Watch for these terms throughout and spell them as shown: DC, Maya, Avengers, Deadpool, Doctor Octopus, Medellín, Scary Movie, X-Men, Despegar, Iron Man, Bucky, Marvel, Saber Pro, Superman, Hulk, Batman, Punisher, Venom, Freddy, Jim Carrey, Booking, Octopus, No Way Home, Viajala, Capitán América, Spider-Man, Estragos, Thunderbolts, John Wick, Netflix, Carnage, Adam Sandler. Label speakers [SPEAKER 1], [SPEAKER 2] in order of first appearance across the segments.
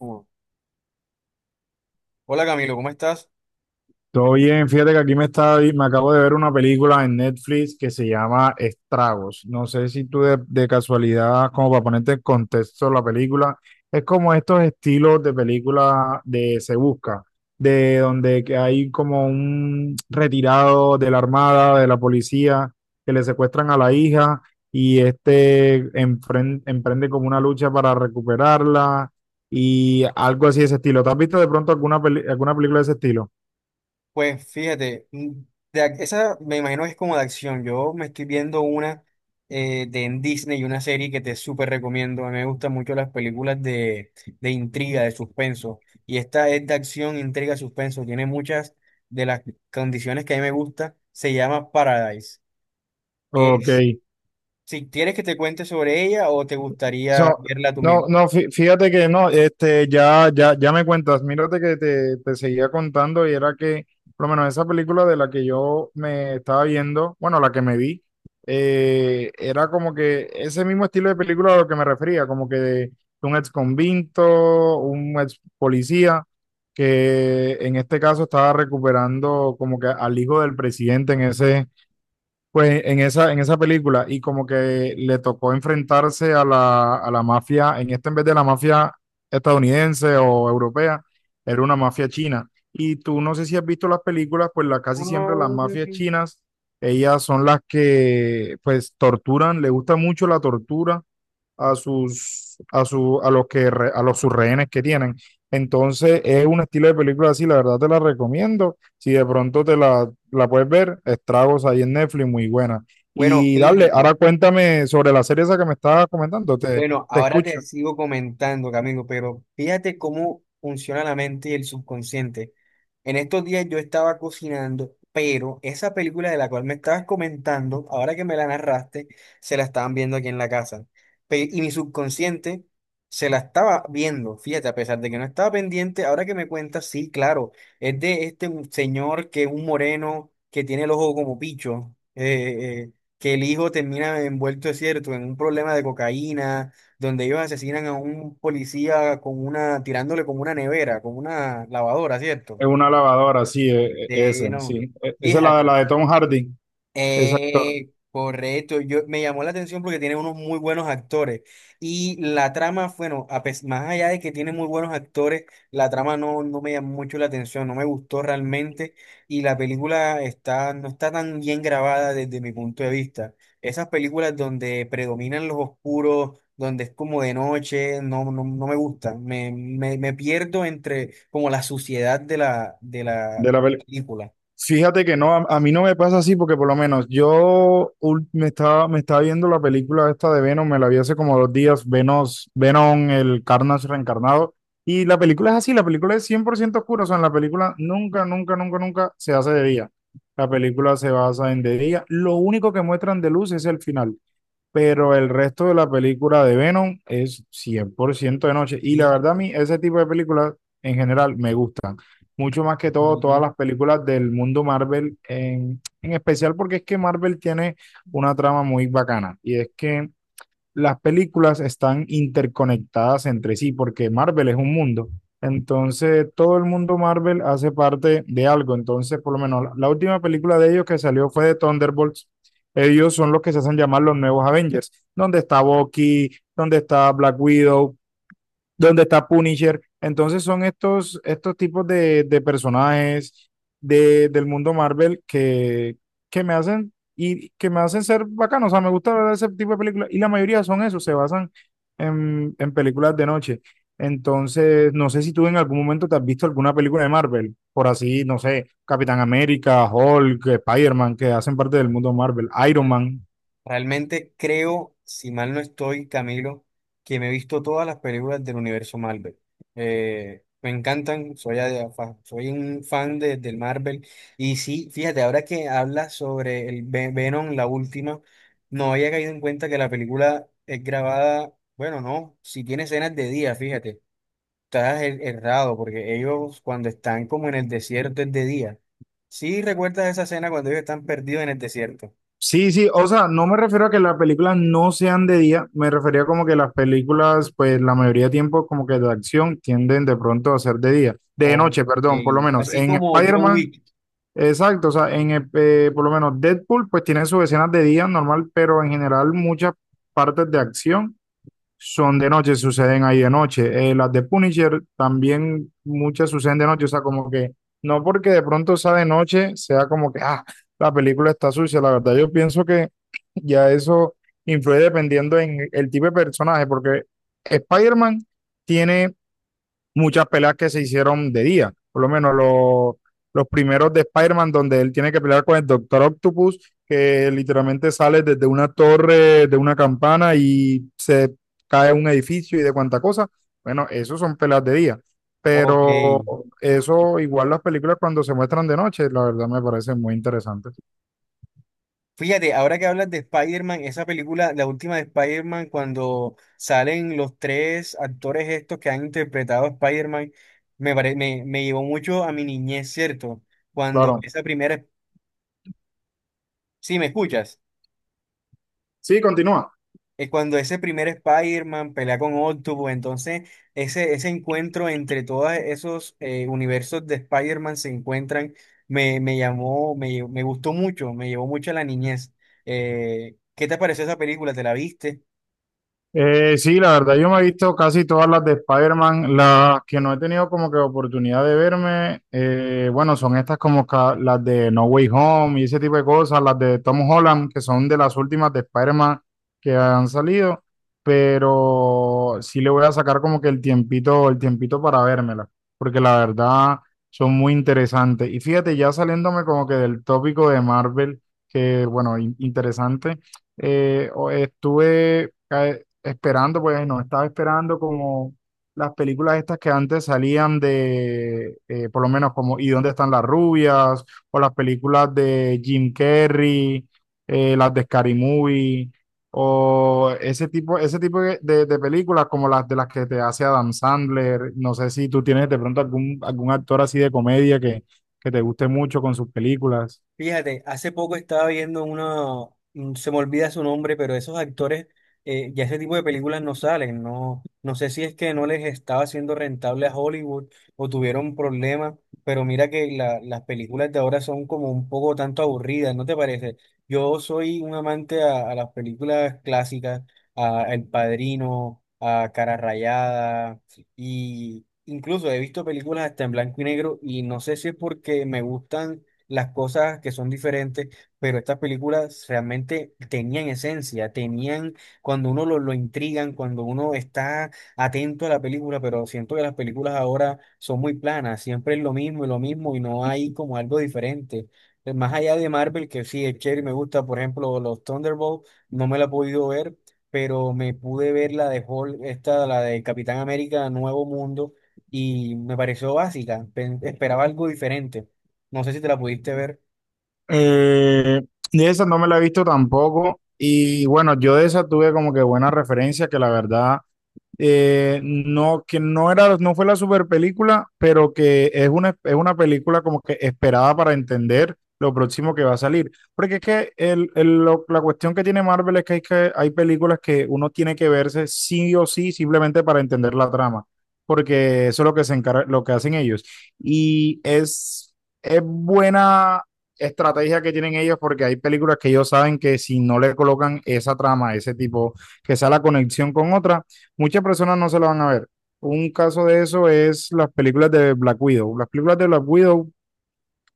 [SPEAKER 1] Uh. Hola Camilo, ¿cómo estás?
[SPEAKER 2] Todo bien, fíjate que aquí me está, me acabo de ver una película en Netflix que se llama Estragos. No sé si tú de casualidad, como para ponerte en contexto la película, es como estos estilos de película de Se Busca, de donde que hay como un retirado de la armada, de la policía, que le secuestran a la hija y emprende como una lucha para recuperarla y algo así de ese estilo. ¿Te has visto de pronto alguna, alguna película de ese estilo?
[SPEAKER 1] Pues fíjate, esa me imagino que es como de acción. Yo me estoy viendo una de en Disney, una serie que te súper recomiendo. A mí me gustan mucho las películas de intriga, de suspenso. Y esta es de acción, intriga, suspenso. Tiene muchas de las condiciones que a mí me gusta. Se llama Paradise.
[SPEAKER 2] Ok.
[SPEAKER 1] Es, si quieres que te cuente sobre ella o te gustaría
[SPEAKER 2] So,
[SPEAKER 1] verla tú mismo.
[SPEAKER 2] no, no, fíjate que no, ya, ya, ya me cuentas, mírate que te seguía contando y era que, por lo menos esa película de la que yo me estaba viendo, bueno, la que me vi, era como que ese mismo estilo de película a lo que me refería, como que de un ex convicto, un ex policía, que en este caso estaba recuperando como que al hijo del presidente en ese. Pues en esa película, y como que le tocó enfrentarse a a la mafia, en esta en vez de la mafia estadounidense o europea, era una mafia china. Y tú no sé si has visto las películas, pues la, casi siempre las mafias
[SPEAKER 1] Mm,
[SPEAKER 2] chinas, ellas son las que pues torturan, le gusta mucho la tortura a su, a los que, a los sus rehenes que tienen. Entonces, es un estilo de película así, la verdad te la recomiendo. Si de pronto la puedes ver, Estragos ahí en Netflix, muy buena.
[SPEAKER 1] Bueno,
[SPEAKER 2] Y dale,
[SPEAKER 1] fíjate.
[SPEAKER 2] ahora cuéntame sobre la serie esa que me estabas comentando,
[SPEAKER 1] Bueno,
[SPEAKER 2] te
[SPEAKER 1] ahora te
[SPEAKER 2] escucho.
[SPEAKER 1] sigo comentando, Camilo, pero fíjate cómo funciona la mente y el subconsciente. En estos días yo estaba cocinando, pero esa película de la cual me estabas comentando, ahora que me la narraste, se la estaban viendo aquí en la casa. Y mi subconsciente se la estaba viendo, fíjate, a pesar de que no estaba pendiente, ahora que me cuentas, sí, claro, es de este señor que es un moreno, que tiene el ojo como picho. Que el hijo termina envuelto, es cierto, en un problema de cocaína, donde ellos asesinan a un policía con una, tirándole con una nevera, con una lavadora, ¿cierto?
[SPEAKER 2] Es una lavadora, sí, ese, sí.
[SPEAKER 1] No,
[SPEAKER 2] Esa es la de
[SPEAKER 1] fíjate.
[SPEAKER 2] Tom Hardy, ese actor
[SPEAKER 1] Correcto, yo me llamó la atención porque tiene unos muy buenos actores y la trama, bueno, más allá de que tiene muy buenos actores, la trama no me llamó mucho la atención, no me gustó realmente y la película está, no está tan bien grabada desde mi punto de vista. Esas películas donde predominan los oscuros, donde es como de noche, no me gustan, me pierdo entre como la suciedad de de la
[SPEAKER 2] de la peli-.
[SPEAKER 1] película.
[SPEAKER 2] Fíjate que no, a mí no me pasa así porque por lo menos yo me estaba viendo la película esta de Venom, me la vi hace como dos días, Venom, el Carnage reencarnado, y la película es así, la película es 100% oscura, o sea, en la película nunca, nunca, nunca, nunca se hace de día, la película se basa en de día, lo único que muestran de luz es el final, pero el resto de la película de Venom es 100% de noche, y la
[SPEAKER 1] Hija
[SPEAKER 2] verdad a mí ese tipo de películas en general me gusta mucho más que todo todas
[SPEAKER 1] de-
[SPEAKER 2] las películas del mundo Marvel, en especial porque es que Marvel tiene una trama muy bacana y es que las películas están interconectadas entre sí porque Marvel es un mundo. Entonces, todo el mundo Marvel hace parte de algo. Entonces, por lo menos la última película de ellos que salió fue de Thunderbolts. Ellos son los que se hacen llamar los nuevos Avengers, donde está Bucky, donde está Black Widow, donde está Punisher. Entonces son estos tipos de personajes del mundo Marvel que me hacen y que me hacen ser bacano. O sea, me gusta ver ese tipo de películas. Y la mayoría son eso, se basan en películas de noche. Entonces, no sé si tú en algún momento te has visto alguna película de Marvel, por así, no sé, Capitán América, Hulk, Spider-Man, que hacen parte del mundo Marvel, Iron Man.
[SPEAKER 1] Realmente creo, si mal no estoy, Camilo, que me he visto todas las películas del universo Marvel. Me encantan, soy un fan del Marvel. Y sí, fíjate, ahora que hablas sobre el Venom, la última, no había caído en cuenta que la película es grabada, bueno, no, si tiene escenas de día, fíjate, errado, porque ellos cuando están como en el desierto es de día. Sí, recuerdas esa escena cuando ellos están perdidos en el desierto.
[SPEAKER 2] Sí, sí, o sea, no me refiero a que las películas no sean de día, me refería como que las películas, pues la mayoría de tiempo como que de acción tienden de pronto a ser de día, de
[SPEAKER 1] Ok,
[SPEAKER 2] noche, perdón, por lo menos
[SPEAKER 1] así
[SPEAKER 2] en
[SPEAKER 1] como John
[SPEAKER 2] Spider-Man,
[SPEAKER 1] Wick.
[SPEAKER 2] exacto, o sea, en por lo menos Deadpool, pues tiene sus escenas de día normal, pero en general muchas partes de acción son de noche, suceden ahí de noche. Las de Punisher también muchas suceden de noche, o sea, como que no porque de pronto sea de noche, sea como que, ah, la película está sucia, la verdad yo pienso que ya eso influye dependiendo en el tipo de personaje, porque Spider-Man tiene muchas peleas que se hicieron de día, por lo menos los primeros de Spider-Man donde él tiene que pelear con el Doctor Octopus, que literalmente sale desde una torre, de una campana y se cae un edificio y de cuánta cosa. Bueno, eso son peleas de día,
[SPEAKER 1] Ok.
[SPEAKER 2] pero eso igual las películas cuando se muestran de noche, la verdad me parecen muy interesantes.
[SPEAKER 1] Fíjate, ahora que hablas de Spider-Man, esa película, la última de Spider-Man, cuando salen los tres actores estos que han interpretado a Spider-Man, me llevó mucho a mi niñez, ¿cierto? Cuando
[SPEAKER 2] Claro.
[SPEAKER 1] esa primera... Sí, ¿me escuchas?
[SPEAKER 2] Sí, continúa.
[SPEAKER 1] Eh, cuando ese primer Spider-Man pelea con Octopus, entonces ese encuentro entre todos esos universos de Spider-Man se encuentran, me gustó mucho, me llevó mucho a la niñez. ¿Qué te pareció esa película? ¿Te la viste?
[SPEAKER 2] Sí, la verdad, yo me he visto casi todas las de Spider-Man. Las que no he tenido como que oportunidad de verme, bueno, son estas como las de No Way Home y ese tipo de cosas, las de Tom Holland, que son de las últimas de Spider-Man que han salido, pero sí le voy a sacar como que el tiempito para vérmela, porque la verdad son muy interesantes. Y fíjate, ya saliéndome como que del tópico de Marvel, que bueno, interesante, estuve... esperando, pues nos estaba esperando como las películas estas que antes salían de, por lo menos como ¿Y dónde están las rubias? O las películas de Jim Carrey, las de Scary Movie, o ese tipo de películas como las de las que te hace Adam Sandler. No sé si tú tienes de pronto algún actor así de comedia que te guste mucho con sus películas.
[SPEAKER 1] Fíjate, hace poco estaba viendo uno, se me olvida su nombre, pero esos actores, ya ese tipo de películas no salen, no, no sé si es que no les estaba siendo rentable a Hollywood o tuvieron problemas, pero mira que las películas de ahora son como un poco tanto aburridas, ¿no te parece? Yo soy un amante a las películas clásicas, a El Padrino, a Cara Rayada, y incluso he visto películas hasta en blanco y negro, y no sé si es porque me gustan las cosas que son diferentes, pero estas películas realmente tenían esencia, tenían, cuando uno lo intrigan, cuando uno está atento a la película, pero siento que las películas ahora son muy planas, siempre es lo mismo y no hay como algo diferente. Más allá de Marvel, que sí, es chévere, me gusta, por ejemplo, los Thunderbolts, no me la he podido ver, pero me pude ver la de Hulk, esta, la de Capitán América, Nuevo Mundo, y me pareció básica, esperaba algo diferente. No sé si te la pudiste ver.
[SPEAKER 2] Eh, de esa no me la he visto tampoco. Y bueno, yo de esa tuve como que buena referencia, que la verdad no, que no era, no fue la super película, pero que es una película como que esperada para entender lo próximo que va a salir. Porque es que la cuestión que tiene Marvel es que hay películas que uno tiene que verse sí o sí simplemente para entender la trama, porque eso es lo que se encarga, lo que hacen ellos. Y es, es buena estrategia que tienen ellos porque hay películas que ellos saben que si no le colocan esa trama, ese tipo, que sea la conexión con otra, muchas personas no se la van a ver. Un caso de eso es las películas de Black Widow. Las películas de Black Widow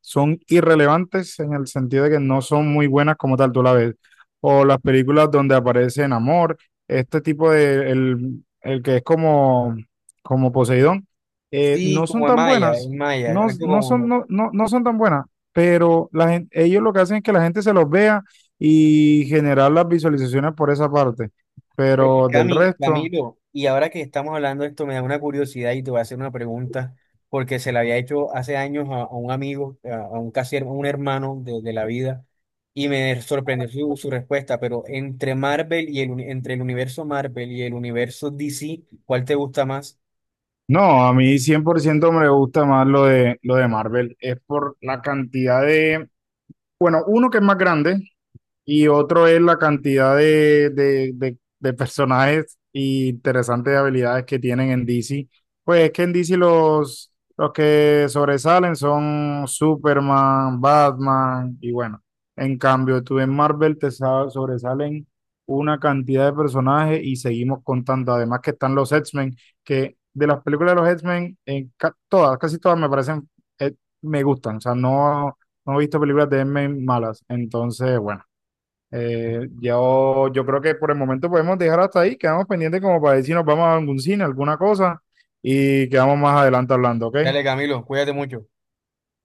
[SPEAKER 2] son irrelevantes en el sentido de que no son muy buenas como tal tú la ves. O las películas donde aparece en amor, este tipo de, el que es como, como Poseidón,
[SPEAKER 1] Sí,
[SPEAKER 2] no son
[SPEAKER 1] como
[SPEAKER 2] tan
[SPEAKER 1] En
[SPEAKER 2] buenas.
[SPEAKER 1] Maya,
[SPEAKER 2] No,
[SPEAKER 1] algo
[SPEAKER 2] no son,
[SPEAKER 1] como
[SPEAKER 2] no, no, no son tan buenas, pero ellos lo que hacen es que la gente se los vea y generar las visualizaciones por esa parte. Pero del resto...
[SPEAKER 1] Camilo. Y ahora que estamos hablando de esto, me da una curiosidad y te voy a hacer una pregunta, porque se la había hecho hace años a un amigo, a un un hermano de la vida, y me sorprendió su, su respuesta. Pero entre Marvel y entre el universo Marvel y el universo DC, ¿cuál te gusta más?
[SPEAKER 2] No, a mí 100% me gusta más lo lo de Marvel. Es por la cantidad de... Bueno, uno que es más grande, y otro es la cantidad de personajes y interesantes habilidades que tienen en DC. Pues es que en DC los que sobresalen son Superman, Batman y bueno. En cambio, tú en Marvel sobresalen una cantidad de personajes y seguimos contando. Además que están los X-Men, que de las películas de los X-Men, todas, casi todas me parecen, eh, me gustan. O sea, no, no he visto películas de X-Men malas. Entonces, bueno. Yo creo que por el momento podemos dejar hasta ahí, quedamos pendientes como para decir si nos vamos a algún cine, alguna cosa, y quedamos más adelante hablando, ¿ok?
[SPEAKER 1] Dale, Camilo, cuídate mucho.